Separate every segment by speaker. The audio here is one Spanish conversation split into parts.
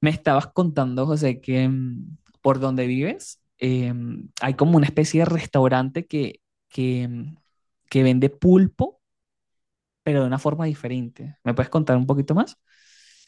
Speaker 1: Me estabas contando, José, que por donde vives hay como una especie de restaurante que, mm, que vende pulpo, pero de una forma diferente. ¿Me puedes contar un poquito más?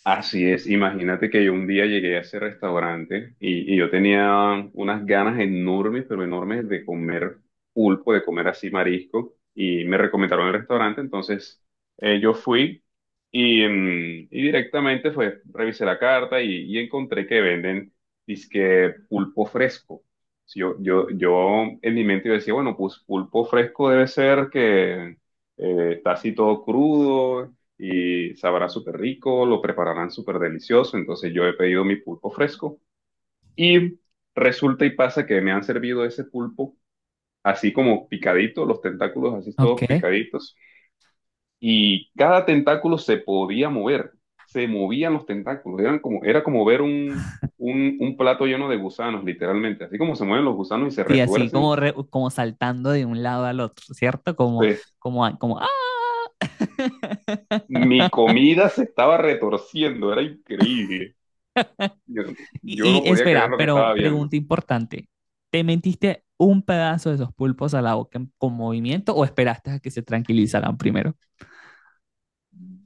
Speaker 2: Así es, imagínate que yo un día llegué a ese restaurante y yo tenía unas ganas enormes, pero enormes de comer pulpo, de comer así marisco, y me recomendaron el restaurante. Entonces yo fui y directamente pues revisé la carta y encontré que venden disque pulpo fresco. Si yo en mi mente yo decía, bueno, pues pulpo fresco debe ser que está así todo crudo y sabrá súper rico, lo prepararán súper delicioso. Entonces yo he pedido mi pulpo fresco y resulta y pasa que me han servido ese pulpo así como picadito, los tentáculos así
Speaker 1: Ok.
Speaker 2: todos picaditos, y cada tentáculo se podía mover, se movían los tentáculos, eran como, era como ver un plato lleno de gusanos, literalmente, así como se mueven los gusanos y se
Speaker 1: Sí, así
Speaker 2: retuercen.
Speaker 1: como, como saltando de un lado al otro, ¿cierto? Como,
Speaker 2: Pues,
Speaker 1: como, como, ¡ah!
Speaker 2: mi comida se estaba retorciendo, era increíble. Yo, yo
Speaker 1: Y,
Speaker 2: no
Speaker 1: y
Speaker 2: podía creer
Speaker 1: espera,
Speaker 2: lo que
Speaker 1: pero
Speaker 2: estaba viendo.
Speaker 1: pregunta importante. ¿Te metiste un pedazo de esos pulpos a la boca con movimiento o esperaste a que se tranquilizaran primero?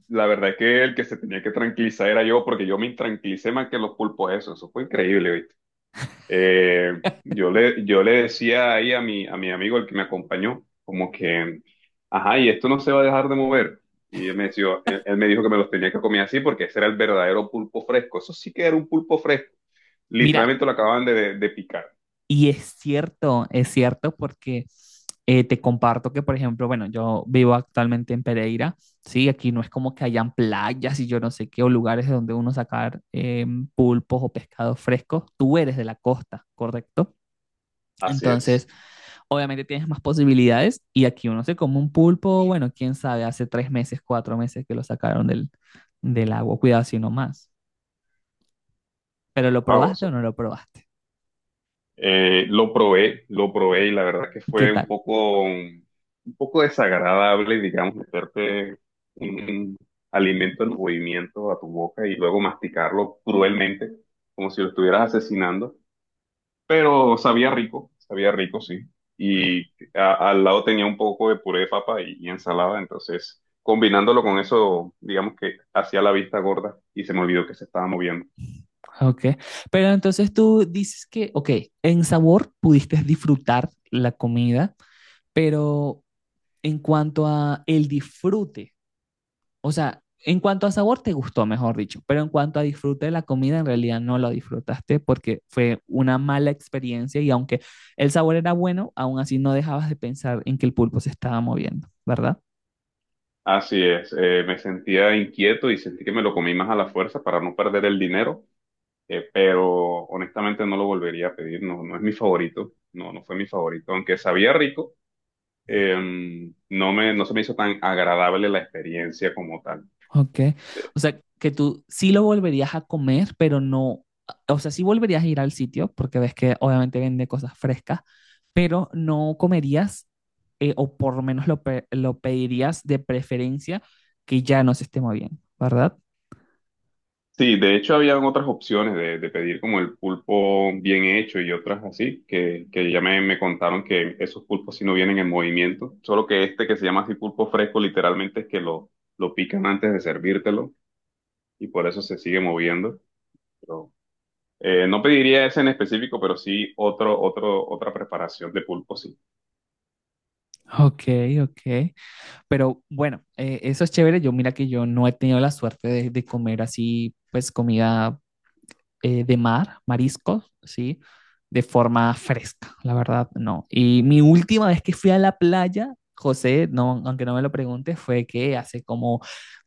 Speaker 2: La verdad es que el que se tenía que tranquilizar era yo, porque yo me intranquilicé más que los pulpos eso. Eso fue increíble, ¿viste? Yo le decía ahí a mi amigo, el que me acompañó, como que, ajá, y esto no se va a dejar de mover. Y él me decía, él me dijo que me los tenía que comer así porque ese era el verdadero pulpo fresco. Eso sí que era un pulpo fresco.
Speaker 1: Mira,
Speaker 2: Literalmente lo acababan de picar.
Speaker 1: y es cierto porque te comparto que, por ejemplo, bueno, yo vivo actualmente en Pereira, ¿sí? Aquí no es como que hayan playas y yo no sé qué, o lugares de donde uno sacar pulpos o pescados frescos. Tú eres de la costa, ¿correcto?
Speaker 2: Así
Speaker 1: Entonces,
Speaker 2: es.
Speaker 1: obviamente tienes más posibilidades y aquí uno se come un pulpo, bueno, quién sabe, hace tres meses, cuatro meses que lo sacaron del, del agua, cuidado si no más. Pero ¿lo
Speaker 2: Wow,
Speaker 1: probaste o
Speaker 2: eso.
Speaker 1: no lo probaste?
Speaker 2: Lo probé y la verdad que
Speaker 1: ¿Y qué
Speaker 2: fue un
Speaker 1: tal?
Speaker 2: poco, un poco desagradable, digamos, meterte un alimento en movimiento a tu boca y luego masticarlo cruelmente, como si lo estuvieras asesinando, pero sabía rico, sí. Y al lado tenía un poco de puré de papa y ensalada, entonces combinándolo con eso, digamos que hacía la vista gorda y se me olvidó que se estaba moviendo.
Speaker 1: Ok, pero entonces tú dices que, ok, en sabor pudiste disfrutar la comida, pero en cuanto a el disfrute, o sea, en cuanto a sabor te gustó, mejor dicho, pero en cuanto a disfrute de la comida, en realidad no lo disfrutaste porque fue una mala experiencia y aunque el sabor era bueno, aún así no dejabas de pensar en que el pulpo se estaba moviendo, ¿verdad?
Speaker 2: Así es, me sentía inquieto y sentí que me lo comí más a la fuerza para no perder el dinero. Pero honestamente no lo volvería a pedir, no, no es mi favorito, no, no fue mi favorito, aunque sabía rico. eh, no se me hizo tan agradable la experiencia como tal.
Speaker 1: Ok.
Speaker 2: De-
Speaker 1: O sea, que tú sí lo volverías a comer, pero no, o sea, sí volverías a ir al sitio, porque ves que obviamente vende cosas frescas, pero no comerías, o por lo menos lo pedirías de preferencia que ya no se esté moviendo, ¿verdad?
Speaker 2: sí, de hecho habían otras opciones de pedir como el pulpo bien hecho y otras así, que ya me contaron que esos pulpos sí no vienen en movimiento, solo que este que se llama así pulpo fresco literalmente es que lo pican antes de servírtelo y por eso se sigue moviendo. Pero, no pediría ese en específico, pero sí otra preparación de pulpo, sí.
Speaker 1: Ok, ok. Pero bueno, eso es chévere. Yo mira que yo no he tenido la suerte de comer así, pues comida de mar, mariscos, ¿sí? De forma fresca, la verdad, no. Y mi última vez que fui a la playa, José, no, aunque no me lo preguntes, fue que hace como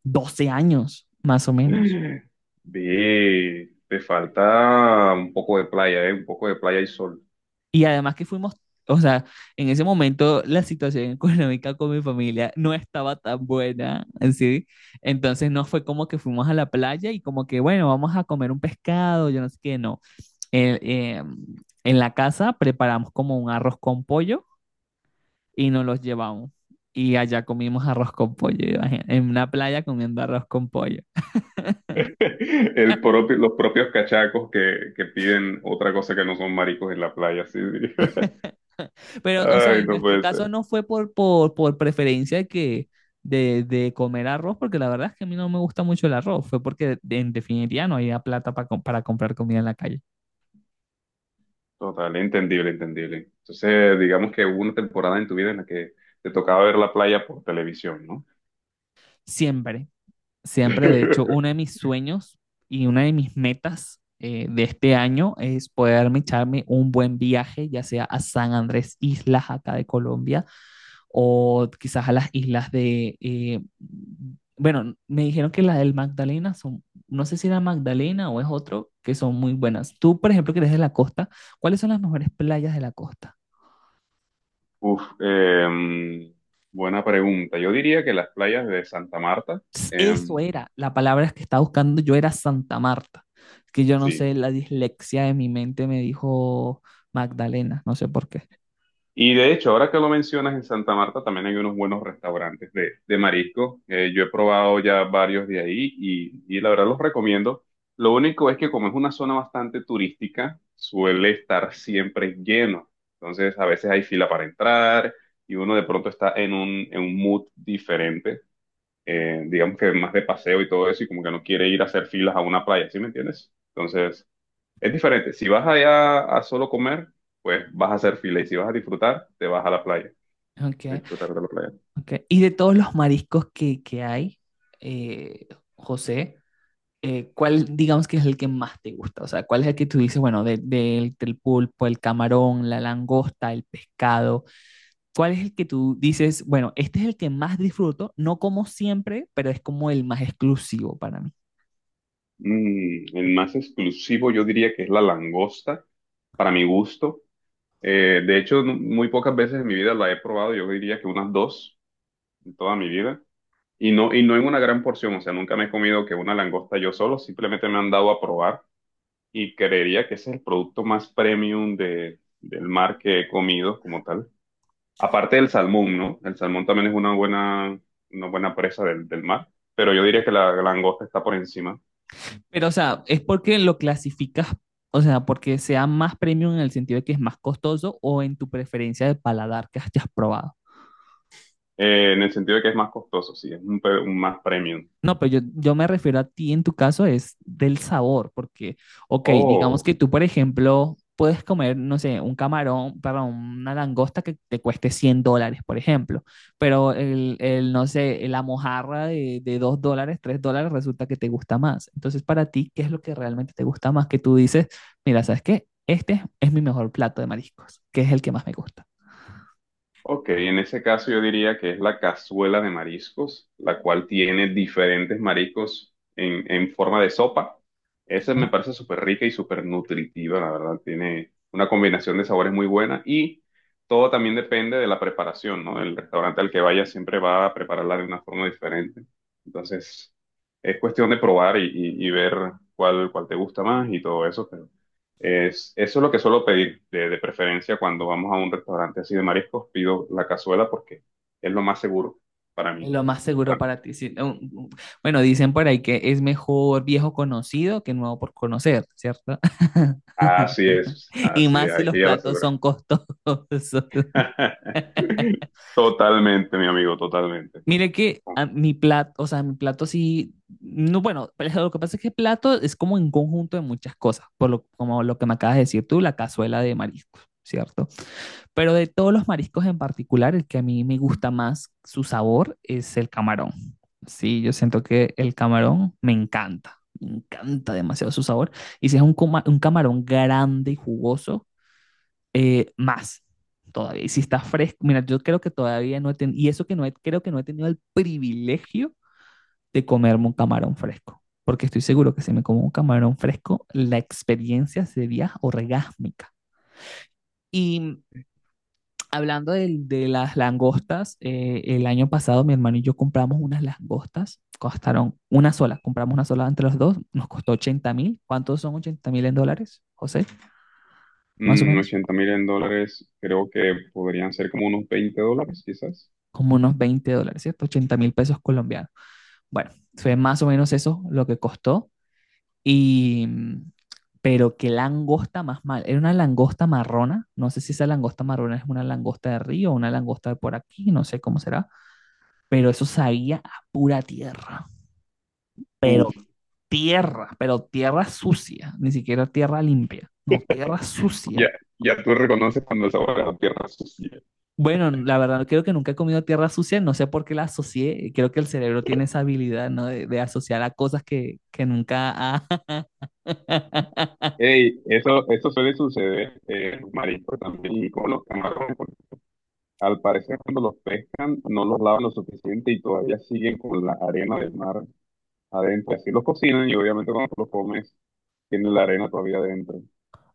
Speaker 1: 12 años, más o menos.
Speaker 2: Ve, te falta un poco de playa, ¿eh? Un poco de playa y sol.
Speaker 1: Y además que fuimos, o sea, en ese momento la situación económica con mi familia no estaba tan buena, ¿sí? Entonces no fue como que fuimos a la playa y como que, bueno, vamos a comer un pescado, yo no sé qué, no. Eh, eh, en la casa preparamos como un arroz con pollo, y nos los llevamos. Y allá comimos arroz con pollo, imagínate, en una playa comiendo arroz con pollo.
Speaker 2: Los propios cachacos que piden otra cosa que no son maricos en la playa, sí, sí.
Speaker 1: Pero, o sea,
Speaker 2: Ay,
Speaker 1: en
Speaker 2: no
Speaker 1: nuestro
Speaker 2: puede
Speaker 1: caso
Speaker 2: ser.
Speaker 1: no fue por preferencia que de comer arroz, porque la verdad es que a mí no me gusta mucho el arroz, fue porque en definitiva no había plata para comprar comida en la calle.
Speaker 2: Total, entendible, entendible. Entonces, digamos que hubo una temporada en tu vida en la que te tocaba ver la playa por televisión, ¿no?
Speaker 1: Siempre. Siempre, de hecho, uno de mis sueños y una de mis metas de este año es poderme echarme un buen viaje, ya sea a San Andrés Islas, acá de Colombia, o quizás a las islas de, bueno, me dijeron que las del Magdalena son, no sé si era Magdalena o es otro, que son muy buenas. Tú, por ejemplo, que eres de la costa, ¿cuáles son las mejores playas de la costa?
Speaker 2: Uf, buena pregunta. Yo diría que las playas de Santa Marta,
Speaker 1: Eso
Speaker 2: em,
Speaker 1: era, la palabra que estaba buscando yo era Santa Marta, que yo no
Speaker 2: sí.
Speaker 1: sé, la dislexia de mi mente me dijo Magdalena, no sé por qué.
Speaker 2: Y de hecho, ahora que lo mencionas, en Santa Marta también hay unos buenos restaurantes de marisco. Yo he probado ya varios de ahí y la verdad los recomiendo. Lo único es que como es una zona bastante turística, suele estar siempre lleno. Entonces, a veces hay fila para entrar y uno de pronto está en un mood diferente. Digamos que más de paseo y todo eso, y como que no quiere ir a hacer filas a una playa, ¿sí me entiendes? Entonces, es diferente. Si vas allá a solo comer, pues vas a hacer fila, y si vas a disfrutar, te vas a la playa, a
Speaker 1: Okay,
Speaker 2: disfrutar de la playa.
Speaker 1: okay. Y de todos los mariscos que hay, eh, José, ¿cuál digamos que es el que más te gusta? O sea, ¿cuál es el que tú dices, bueno, del pulpo, el camarón, la langosta, el pescado? ¿Cuál es el que tú dices, bueno, este es el que más disfruto, no como siempre, pero es como el más exclusivo para mí?
Speaker 2: El más exclusivo yo diría que es la langosta, para mi gusto. De hecho, muy pocas veces en mi vida la he probado, yo diría que unas dos en toda mi vida. Y no en una gran porción, o sea, nunca me he comido que una langosta yo solo, simplemente me han dado a probar y creería que ese es el producto más premium del mar que he comido como tal. Aparte del salmón, ¿no? El salmón también es una buena presa del mar, pero yo diría que la langosta está por encima,
Speaker 1: Pero, o sea, ¿es porque lo clasificas, o sea, porque sea más premium en el sentido de que es más costoso o en tu preferencia de paladar que hayas probado?
Speaker 2: en el sentido de que es más costoso, sí, es un, un más premium.
Speaker 1: No, pero yo me refiero a ti en tu caso es del sabor, porque, ok, digamos
Speaker 2: Oh.
Speaker 1: que tú, por ejemplo, puedes comer, no sé, un camarón, perdón, una langosta que te cueste $100, por ejemplo, pero el, no sé, la mojarra de, $2, $3 resulta que te gusta más. Entonces, para ti, ¿qué es lo que realmente te gusta más? Que tú dices, mira, ¿sabes qué? Este es mi mejor plato de mariscos, que es el que más me gusta.
Speaker 2: Ok, en ese caso yo diría que es la cazuela de mariscos, la cual tiene diferentes mariscos en forma de sopa. Esa me parece súper rica y súper nutritiva, la verdad. Tiene una combinación de sabores muy buena y todo también depende de la preparación, ¿no? El restaurante al que vaya siempre va a prepararla de una forma diferente. Entonces, es cuestión de probar y ver cuál te gusta más y todo eso es lo que suelo pedir de preferencia cuando vamos a un restaurante así de mariscos. Pido la cazuela porque es lo más seguro para
Speaker 1: Es
Speaker 2: mí.
Speaker 1: lo más
Speaker 2: Para
Speaker 1: seguro
Speaker 2: mí.
Speaker 1: para ti. Sí. Bueno, dicen por ahí que es mejor viejo conocido que nuevo por conocer, ¿cierto? Y
Speaker 2: Así es,
Speaker 1: más si
Speaker 2: hay
Speaker 1: los
Speaker 2: que ir a la
Speaker 1: platos
Speaker 2: segura.
Speaker 1: son costosos.
Speaker 2: Totalmente, mi amigo, totalmente.
Speaker 1: Mire que a mi plato, o sea, mi plato sí, no, bueno, pero lo que pasa es que plato es como un conjunto de muchas cosas, por lo, como lo que me acabas de decir tú, la cazuela de mariscos, ¿cierto? Pero de todos los mariscos en particular, el que a mí me gusta más su sabor es el camarón. Sí, yo siento que el camarón me encanta demasiado su sabor. Y si es un, un camarón grande y jugoso, más todavía. Y si está fresco, mira, yo creo que todavía no he tenido, y eso que no he, creo que no he tenido el privilegio de comerme un camarón fresco, porque estoy seguro que si me como un camarón fresco, la experiencia sería orgásmica. Y hablando de las langostas, el año pasado mi hermano y yo compramos unas langostas, costaron una sola, compramos una sola entre los dos, nos costó 80.000. ¿Cuántos son 80.000 en dólares, José? Más o menos,
Speaker 2: 80 mil en dólares, creo que podrían ser como unos $20, quizás.
Speaker 1: como unos $20, ¿cierto? 80 mil pesos colombianos. Bueno, fue más o menos eso lo que costó. Y, pero qué langosta más mal, era una langosta marrona, no sé si esa langosta marrona es una langosta de río o una langosta de por aquí, no sé cómo será, pero eso sabía a pura tierra. Pero
Speaker 2: Uf,
Speaker 1: tierra, pero tierra sucia, ni siquiera tierra limpia, no, tierra
Speaker 2: ya,
Speaker 1: sucia.
Speaker 2: ya tú reconoces cuando el sabor de la tierra sucia.
Speaker 1: Bueno, la verdad creo que nunca he comido tierra sucia, no sé por qué la asocié, creo que el cerebro tiene esa habilidad, ¿no? De asociar a cosas que nunca ha...
Speaker 2: Ey, eso suele suceder en los mariscos también, y con los camarones. Al parecer, cuando los pescan, no los lavan lo suficiente y todavía siguen con la arena del mar adentro. Así los cocinan y obviamente cuando los comes, tienen la arena todavía adentro.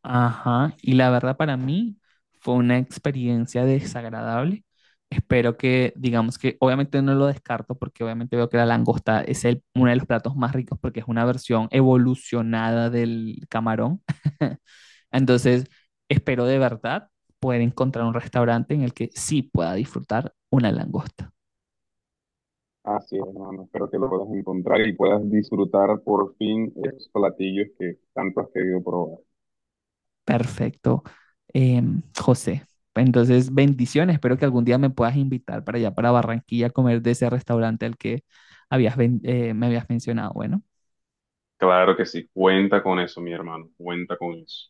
Speaker 1: Ajá, y la verdad para mí fue una experiencia desagradable. Espero que, digamos que, obviamente no lo descarto porque obviamente veo que la langosta es el, uno de los platos más ricos porque es una versión evolucionada del camarón. Entonces, espero de verdad poder encontrar un restaurante en el que sí pueda disfrutar una langosta.
Speaker 2: Así es, hermano. Espero que lo puedas encontrar y puedas disfrutar por fin esos platillos que tanto has querido probar.
Speaker 1: Perfecto, eh, José. Entonces, bendiciones. Espero que algún día me puedas invitar para allá, para Barranquilla, a comer de ese restaurante al que habías, me habías mencionado. Bueno.
Speaker 2: Claro que sí, cuenta con eso, mi hermano, cuenta con eso.